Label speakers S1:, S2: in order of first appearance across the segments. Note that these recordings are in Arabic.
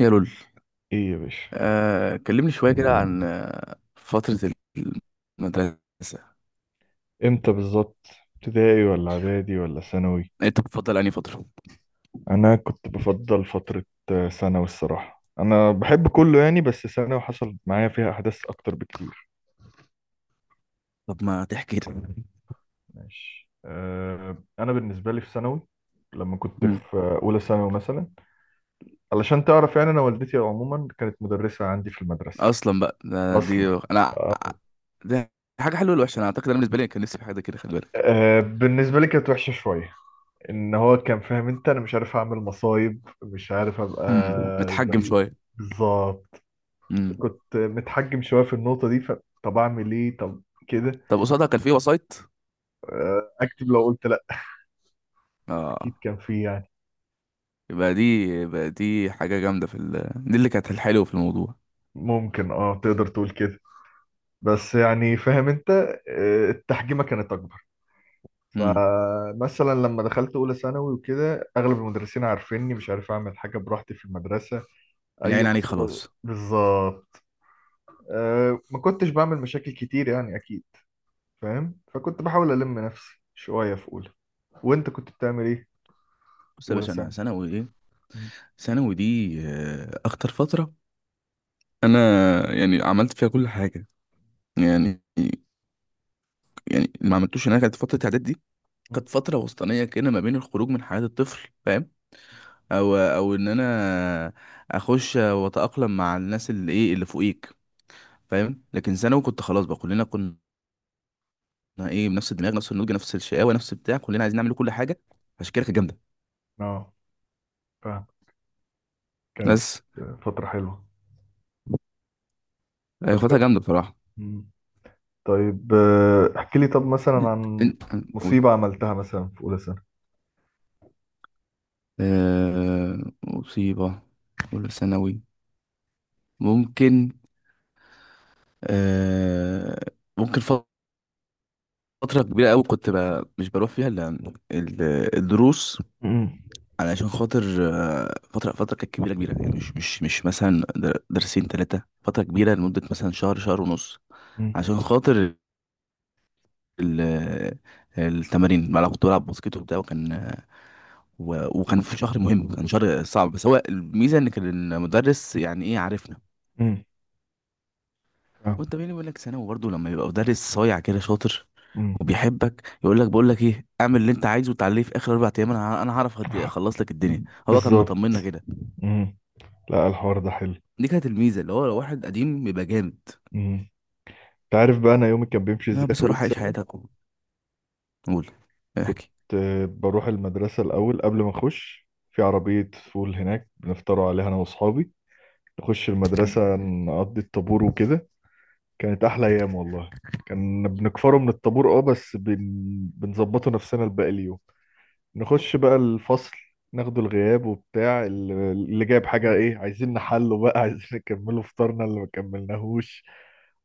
S1: يا لول.
S2: ايه يا باشا؟
S1: كلمني شوية كده عن فترة المدرسة.
S2: امتى بالظبط؟ ابتدائي ولا اعدادي ولا ثانوي؟
S1: انت بتفضل انهي فترة؟
S2: انا كنت بفضل فترة. ثانوي الصراحة، انا بحب كله يعني، بس ثانوي حصل معايا فيها احداث اكتر بكتير.
S1: طب ما تحكي لي.
S2: ماشي. انا بالنسبة لي في ثانوي، لما كنت
S1: مم.
S2: في اولى ثانوي مثلا، علشان تعرف يعني، انا والدتي عموما كانت مدرسة عندي في المدرسة.
S1: اصلا بقى ده دي
S2: اصلا.
S1: انا دي حاجة حلوة ولا وحشة؟ انا اعتقد انا بالنسبة لي كان نفسي في حاجة كده، خلي بالك.
S2: أه، بالنسبة لي كانت وحشة شوية، ان هو كان فاهم انت، انا مش عارف اعمل مصايب، مش عارف ابقى
S1: مم. متحجم
S2: زي...
S1: شوية.
S2: بالظبط.
S1: مم.
S2: كنت متحجم شويه في النقطه دي، فطب اعمل ايه؟ طب كده.
S1: طب قصادها كان في وسايط؟
S2: اكتب لو قلت لا
S1: اه.
S2: اكيد كان فيه يعني.
S1: يبقى دي يبقى دي حاجة جامدة في ال... دي اللي كانت الحلوة في الموضوع.
S2: ممكن، اه، تقدر تقول كده، بس يعني فاهم انت. التحجيمه كانت اكبر،
S1: مم.
S2: فمثلا لما دخلت اولى ثانوي وكده اغلب المدرسين عارفيني، مش عارف اعمل حاجه براحتي في المدرسه، اي
S1: العين عليك
S2: مصيبه
S1: خلاص.
S2: بالظبط. ما كنتش بعمل مشاكل كتير يعني اكيد، فاهم؟ فكنت بحاول ألم نفسي شوية في أولى. وأنت كنت بتعمل إيه في
S1: بص يا
S2: أولى
S1: باشا، انا
S2: ثانوي؟
S1: ثانوي ايه.
S2: مم.
S1: ثانوي دي اخطر فتره. انا يعني عملت فيها كل حاجه. يعني يعني اللي ما عملتوش هناك كانت فتره اعداد دي. كانت فتره وسطانيه كده ما بين الخروج من حياه الطفل، فاهم. او ان انا اخش واتاقلم مع الناس اللي ايه اللي فوقيك، فاهم. لكن ثانوي كنت خلاص بقى، كلنا كنا ايه بنفس الدماغ، نفس النضج، نفس الشقاوه، نفس بتاع، كلنا عايزين نعمل كل حاجه. عشان كده كانت جامده.
S2: أه، فاهم. كانت
S1: بس
S2: فترة حلوة.
S1: هي
S2: طب
S1: خدتها جامده بصراحه.
S2: مم. طيب، احكي لي طب مثلا عن
S1: إن- قول.
S2: مصيبة عملتها مثلا في أولى ثانوي.
S1: آه، مصيبه ولا ثانوي؟ ممكن. آه، ممكن فترة كبيرة أوي كنت مش بروح فيها إلا ال- الدروس.
S2: مم.
S1: علشان خاطر فترة. فترة كانت كبيرة كبيرة يعني، مش مثلا درسين تلاتة، فترة كبيرة لمدة مثلا شهر شهر ونص.
S2: مم.
S1: عشان خاطر ال- التمارين. أنا كنت بلعب باسكت وبتاع، وكان وكان في شهر مهم، كان شهر صعب. بس هو الميزة إن كان المدرس يعني إيه، عارفنا.
S2: مم. فاهم.
S1: وانت بيني بقول لك ثانوي برضه لما يبقى مدرس صايع كده شاطر
S2: مم.
S1: وبيحبك، يقول لك بقول لك ايه، اعمل اللي انت عايزه وتعالى لي في اخر اربع ايام، انا هعرف اخلص لك الدنيا. هو كان
S2: بالظبط.
S1: مطمنا كده.
S2: مم. لا، الحوار ده حلو.
S1: دي كانت الميزه، اللي هو لو واحد قديم بيبقى جامد.
S2: مم. انت عارف بقى انا يومي كان بيمشي
S1: لا
S2: ازاي في
S1: بس
S2: اولى
S1: روح عيش
S2: ثانوي؟
S1: حياتك قول،
S2: كنت
S1: احكي.
S2: بروح المدرسه الاول، قبل ما اخش في عربيه فول هناك بنفطروا عليها انا واصحابي، نخش المدرسة، نقضي الطابور وكده. كانت أحلى أيام والله. كان بنكفره من الطابور، اه بس بنظبطه نفسنا لباقي اليوم. نخش بقى الفصل، ناخده الغياب وبتاع، اللي جايب حاجة ايه، عايزين نحله بقى عايزين نكمله فطارنا اللي ما كملناهوش،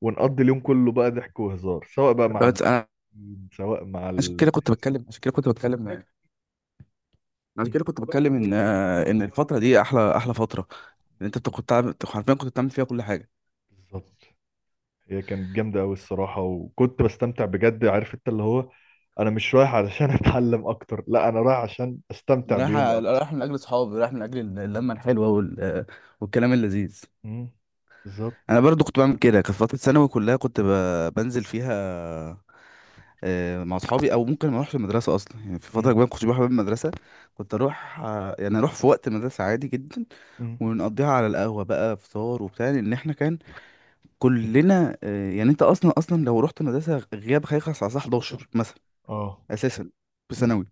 S2: ونقضي اليوم كله بقى ضحك وهزار، سواء بقى مع
S1: بس انا
S2: المدرسين، سواء مع
S1: عشان كده كنت بتكلم عشان كده كنت بتكلم عشان كده كنت بتكلم ان الفتره دي احلى احلى فتره. ان انت حرفيا كنت بتعمل فيها كل حاجه.
S2: بالظبط. هي كانت جامدة أوي الصراحة، وكنت بستمتع بجد، عارف أنت، اللي هو أنا مش رايح علشان أتعلم أكتر، لا، أنا رايح عشان أستمتع
S1: رايح
S2: بيومي أكتر.
S1: رايح من اجل اصحابي، رايح من اجل اللمه الحلوه وال... والكلام اللذيذ.
S2: مم. بالظبط.
S1: انا برضو كنت بعمل كده، كانت فتره ثانوي كلها كنت بنزل فيها مع اصحابي، او ممكن ما اروحش المدرسه اصلا. يعني في فتره
S2: مم.
S1: كبيره ما كنتش بروح باب المدرسه. كنت اروح يعني اروح في وقت المدرسه عادي جدا
S2: مم.
S1: ونقضيها على القهوه بقى، فطار وبتاع. لان احنا كان كلنا يعني انت اصلا لو رحت مدرسه غياب هيخلص على الساعه 11 مثلا،
S2: آه.
S1: اساسا في
S2: مم.
S1: ثانوي.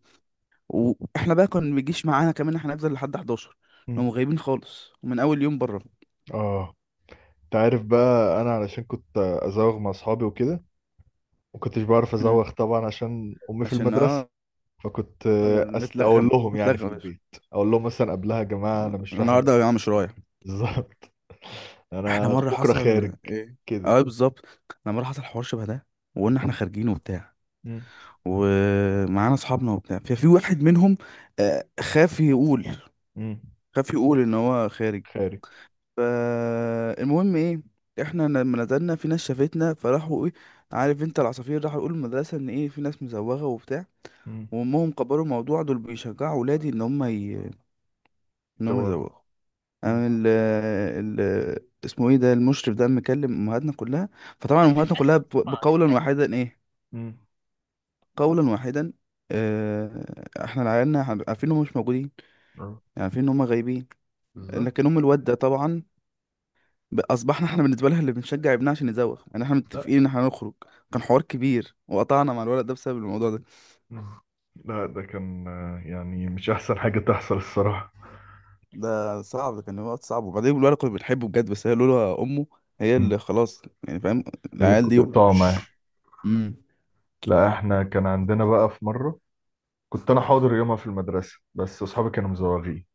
S1: واحنا بقى كان ما بيجيش معانا كمان، احنا نفضل لحد 11، هم
S2: مم.
S1: غايبين خالص ومن اول يوم بره.
S2: آه، أنت عارف بقى أنا علشان كنت أزوغ مع أصحابي وكده مكنتش بعرف
S1: مم.
S2: أزوغ طبعا عشان أمي في
S1: عشان
S2: المدرسة.
S1: اه
S2: فكنت أقول
S1: متلغم
S2: لهم يعني في
S1: متلغم.
S2: البيت، أقول لهم مثلا قبلها يا جماعة أنا مش رايح
S1: النهارده يا عم
S2: المدرسة.
S1: مش رايح.
S2: بالظبط.
S1: احنا
S2: أنا
S1: مره
S2: بكرة
S1: حصل
S2: خارج
S1: ايه؟
S2: كده.
S1: اه بالظبط. احنا مره حصل حوار شبه ده، وقلنا احنا خارجين وبتاع
S2: مم.
S1: ومعانا اصحابنا وبتاع. ففي واحد منهم آه، خاف يقول
S2: مم.
S1: خاف يقول ان هو خارج.
S2: خارج.
S1: فالمهم ايه، احنا لما نزلنا في ناس شافتنا فراحوا ايه، عارف انت، العصافير راحوا يقولوا المدرسه ان ايه، في ناس مزوغه وبتاع.
S2: مم.
S1: وامهم كبروا الموضوع، دول بيشجعوا ولادي ان هم ي... ان هم
S2: زواغ.
S1: يزوغوا.
S2: مم.
S1: قام ال اسمه ايه ده، المشرف ده، مكلم امهاتنا كلها. فطبعا امهاتنا كلها بقولا واحدا ايه،
S2: مم.
S1: قولا واحدا، آه، احنا العيالنا عارفين انهم مش موجودين. يعني
S2: اه
S1: عارفين ان هم غايبين،
S2: بالظبط.
S1: لكن ام الواد ده طبعا اصبحنا احنا بالنسبه لها اللي بنشجع ابنها عشان يزوغ. يعني احنا
S2: لا.
S1: متفقين ان احنا هنخرج. كان حوار كبير، وقطعنا مع الولد ده بسبب الموضوع ده.
S2: مم. لا، ده كان يعني مش احسن حاجة تحصل الصراحة.
S1: ده صعب، ده كان وقت صعب. وبعدين الولد كنا بنحبه بجد، بس هي لولا امه، هي اللي
S2: مم.
S1: خلاص يعني، فاهم. العيال
S2: خليكوا
S1: دي
S2: تقطعوا معاه.
S1: مش... امم
S2: لا، احنا كان عندنا بقى في مرة، كنت انا حاضر يومها في المدرسة بس اصحابي كانوا مزوغين.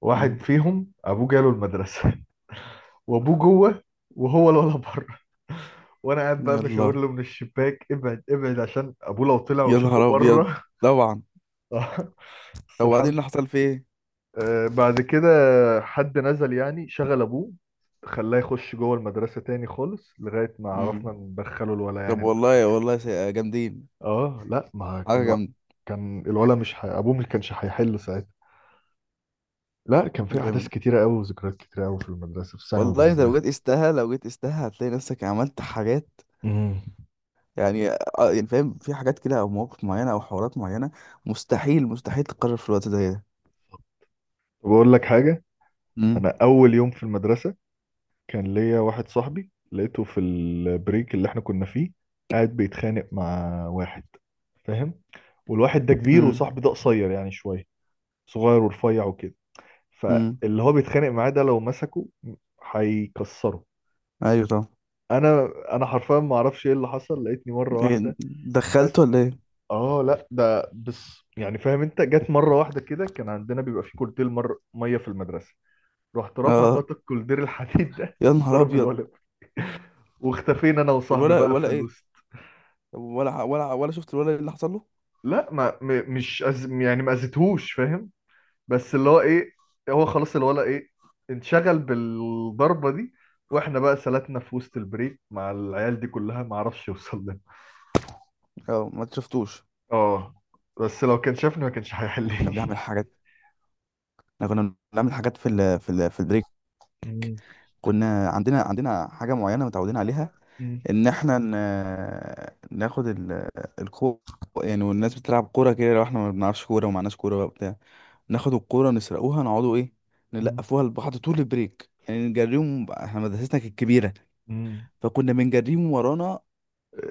S2: واحد فيهم ابوه جاله المدرسة. وابوه جوه، وهو الولد بره. وانا قاعد بقى بشاور
S1: يلا.
S2: له من الشباك، ابعد ابعد، عشان ابوه لو طلع
S1: يا
S2: وشافه
S1: نهار ابيض.
S2: بره.
S1: طبعا.
S2: بس
S1: طب وبعدين
S2: الحمد.
S1: اللي حصل فيه ايه؟
S2: بعد كده حد نزل يعني شغل ابوه، خلاه يخش جوه المدرسة تاني خالص، لغاية ما
S1: مم.
S2: عرفنا ندخله الولا
S1: طب
S2: يعني.
S1: والله والله جامدين.
S2: اه، لا، ما
S1: حاجه
S2: الو...
S1: جامده.
S2: كان الولا مش ح... ابوه مش كانش هيحل ساعتها. لا، كان في احداث
S1: جامد.
S2: كتيرة قوي وذكريات كتيرة قوي في المدرسة، في ثانوي
S1: والله انت لو جيت
S2: بالذات.
S1: قستها هتلاقي نفسك عملت حاجات
S2: امم
S1: يعني. يعني فاهم، في حاجات كده او مواقف معينه او حوارات معينه مستحيل مستحيل تتكرر في الوقت زي ده.
S2: بقول لك حاجة.
S1: امم
S2: انا اول يوم في المدرسة كان ليا واحد صاحبي لقيته في البريك اللي احنا كنا فيه قاعد بيتخانق مع واحد، فاهم؟ والواحد ده كبير
S1: امم
S2: وصاحبي ده قصير يعني شوية، صغير ورفيع وكده،
S1: امم
S2: فاللي هو بيتخانق معاه ده لو مسكه هيكسره.
S1: ايوه طبعا.
S2: انا حرفيا ما اعرفش ايه اللي حصل، لقيتني مره
S1: إيه
S2: واحده،
S1: دخلته
S2: بس.
S1: ولا ايه؟
S2: اه لا ده بس، يعني فاهم انت، جت مره واحده كده، كان عندنا بيبقى في كولدير مر ميه في المدرسه، رحت رافع
S1: اه،
S2: غطا الكولدير الحديد ده
S1: يا نهار
S2: ضرب
S1: ابيض.
S2: الولد، واختفينا انا وصاحبي
S1: الولا
S2: بقى في
S1: ولا ايه؟
S2: الوسط.
S1: طب ولا شفت الولا اللي حصل له؟
S2: لا، ما م- مش أز... يعني ما اذيتهوش، فاهم؟ بس اللي هو ايه، هو خلاص الولا ايه، انشغل بالضربة دي، واحنا بقى سلتنا في وسط البريك مع العيال دي كلها ما عرفش يوصل لنا.
S1: اه ما شفتوش.
S2: اه، بس لو كان شافني ما كانش
S1: كنا
S2: هيحلني.
S1: بنعمل حاجات. احنا كنا بنعمل حاجات في ال في ال في البريك.
S2: مم.
S1: كنا عندنا حاجه معينه متعودين عليها،
S2: مم.
S1: ان احنا ناخد الكو، يعني. والناس بتلعب كوره كده، لو احنا ما بنعرفش كوره ومعناش كوره بقى وبتاع، ناخد الكوره نسرقوها، نقعدوا ايه،
S2: مم.
S1: نلقفوها لبعض طول البريك، يعني نجريهم. احنا مدرستنا كانت كبيره
S2: مم.
S1: فكنا بنجريهم ورانا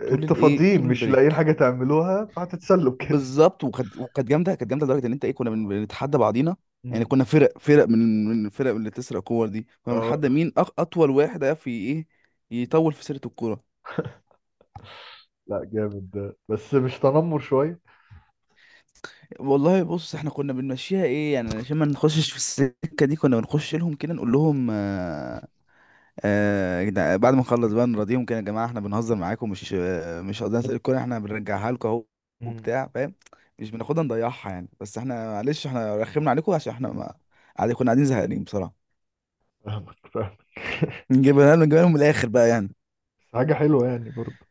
S1: طول
S2: انتوا
S1: الايه،
S2: فاضيين،
S1: طول
S2: مش لاقيين
S1: البريك.
S2: حاجة تعملوها، فهتتسلوا كده.
S1: بالظبط. وكانت جامده، كانت جامده لدرجه ان انت ايه، كنا بنتحدى بعضينا. يعني
S2: مم.
S1: كنا فرق فرق من الفرق اللي بتسرق كور دي، كنا
S2: اه،
S1: بنتحدى مين اطول واحد هيعرف ايه، يطول في سيره الكوره.
S2: لا، جامد ده، بس مش تنمر شوية؟
S1: والله بص، احنا كنا بنمشيها ايه يعني، عشان ما نخشش في السكه دي كنا بنخش لهم كده نقول لهم يا بعد ما نخلص بقى نراضيهم كده، يا جماعه احنا بنهزر معاكم، مش مش قصدنا نسرق الكوره، احنا بنرجعها لكم اهو
S2: مم.
S1: وبتاع، فاهم. مش بناخدها نضيعها يعني، بس احنا معلش احنا رخمنا عليكم عشان احنا ما قاعدين، كنا قاعدين زهقانين بصراحه.
S2: فاهمك فاهمك.
S1: نجيبها لهم من الاخر بقى يعني.
S2: حاجة حلوة يعني برضه،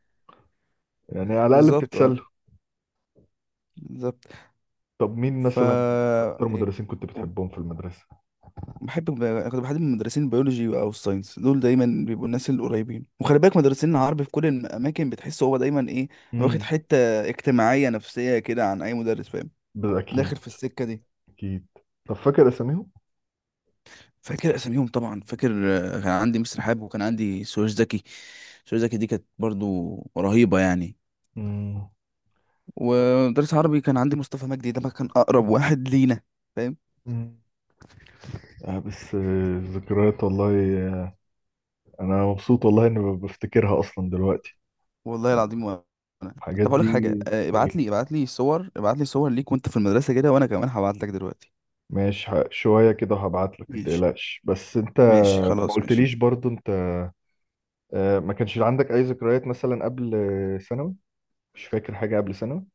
S2: يعني على الأقل
S1: بالظبط، اه.
S2: بتتسلى.
S1: بالظبط.
S2: طب مين
S1: ف
S2: مثلا اكتر
S1: يعني
S2: مدرسين كنت بتحبهم في المدرسة؟
S1: بحب. كنت بحب مدرسين البيولوجي او الساينس، دول دايما بيبقوا الناس القريبين. وخلي بالك مدرسين العربي في كل الاماكن بتحس هو دايما ايه، واخد
S2: امم،
S1: حته اجتماعيه نفسيه كده عن اي مدرس، فاهم. داخل
S2: اكيد
S1: في السكه دي.
S2: اكيد. طب فاكر اساميهم؟
S1: فاكر اساميهم، طبعا فاكر. كان عندي مستر حاب وكان عندي سويش زكي. سويش زكي دي كانت برضو رهيبه يعني.
S2: امم.
S1: ومدرس عربي كان عندي مصطفى مجدي، ده بقى كان اقرب واحد لينا، فاهم.
S2: أمم. آه، بس ذكريات والله. آه، انا مبسوط والله اني بفتكرها اصلا دلوقتي،
S1: والله
S2: يعني،
S1: العظيم. وانا
S2: الحاجات
S1: طب اقول
S2: دي.
S1: لك حاجه،
S2: إيه،
S1: ابعت لي صور ليك وانت في المدرسه كده، وانا كمان هبعت لك دلوقتي.
S2: ماشي، شوية كده وهبعت لك،
S1: ماشي
S2: متقلقش، بس انت
S1: ماشي،
S2: ما
S1: خلاص ماشي.
S2: قلتليش برضو، انت ما كانش عندك اي ذكريات مثلا قبل ثانوي؟ مش فاكر حاجة قبل ثانوي؟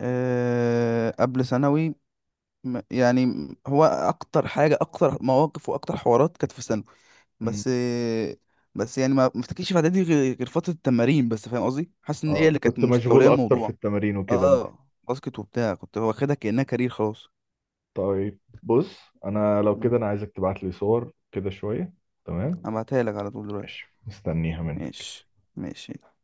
S1: أه قبل ثانوي، هو اكتر حاجه، اكتر مواقف واكتر حوارات كانت في ثانوي.
S2: أمم.
S1: بس بس يعني ما افتكرش في اعدادي غير فتره التمارين بس، فاهم قصدي، حاسس ان هي
S2: اه،
S1: اللي كانت
S2: كنت مشغول
S1: مستوليه
S2: اكتر في
S1: الموضوع.
S2: التمارين وكده.
S1: اه باسكت وبتاع كنت واخدها كانها كارير خلاص.
S2: طيب بص، انا لو كده
S1: مم.
S2: انا عايزك تبعت لي صور كده شوية. تمام.
S1: هبعتها لك على طول دلوقتي.
S2: ماشي مستنيها منك.
S1: ماشي ماشي.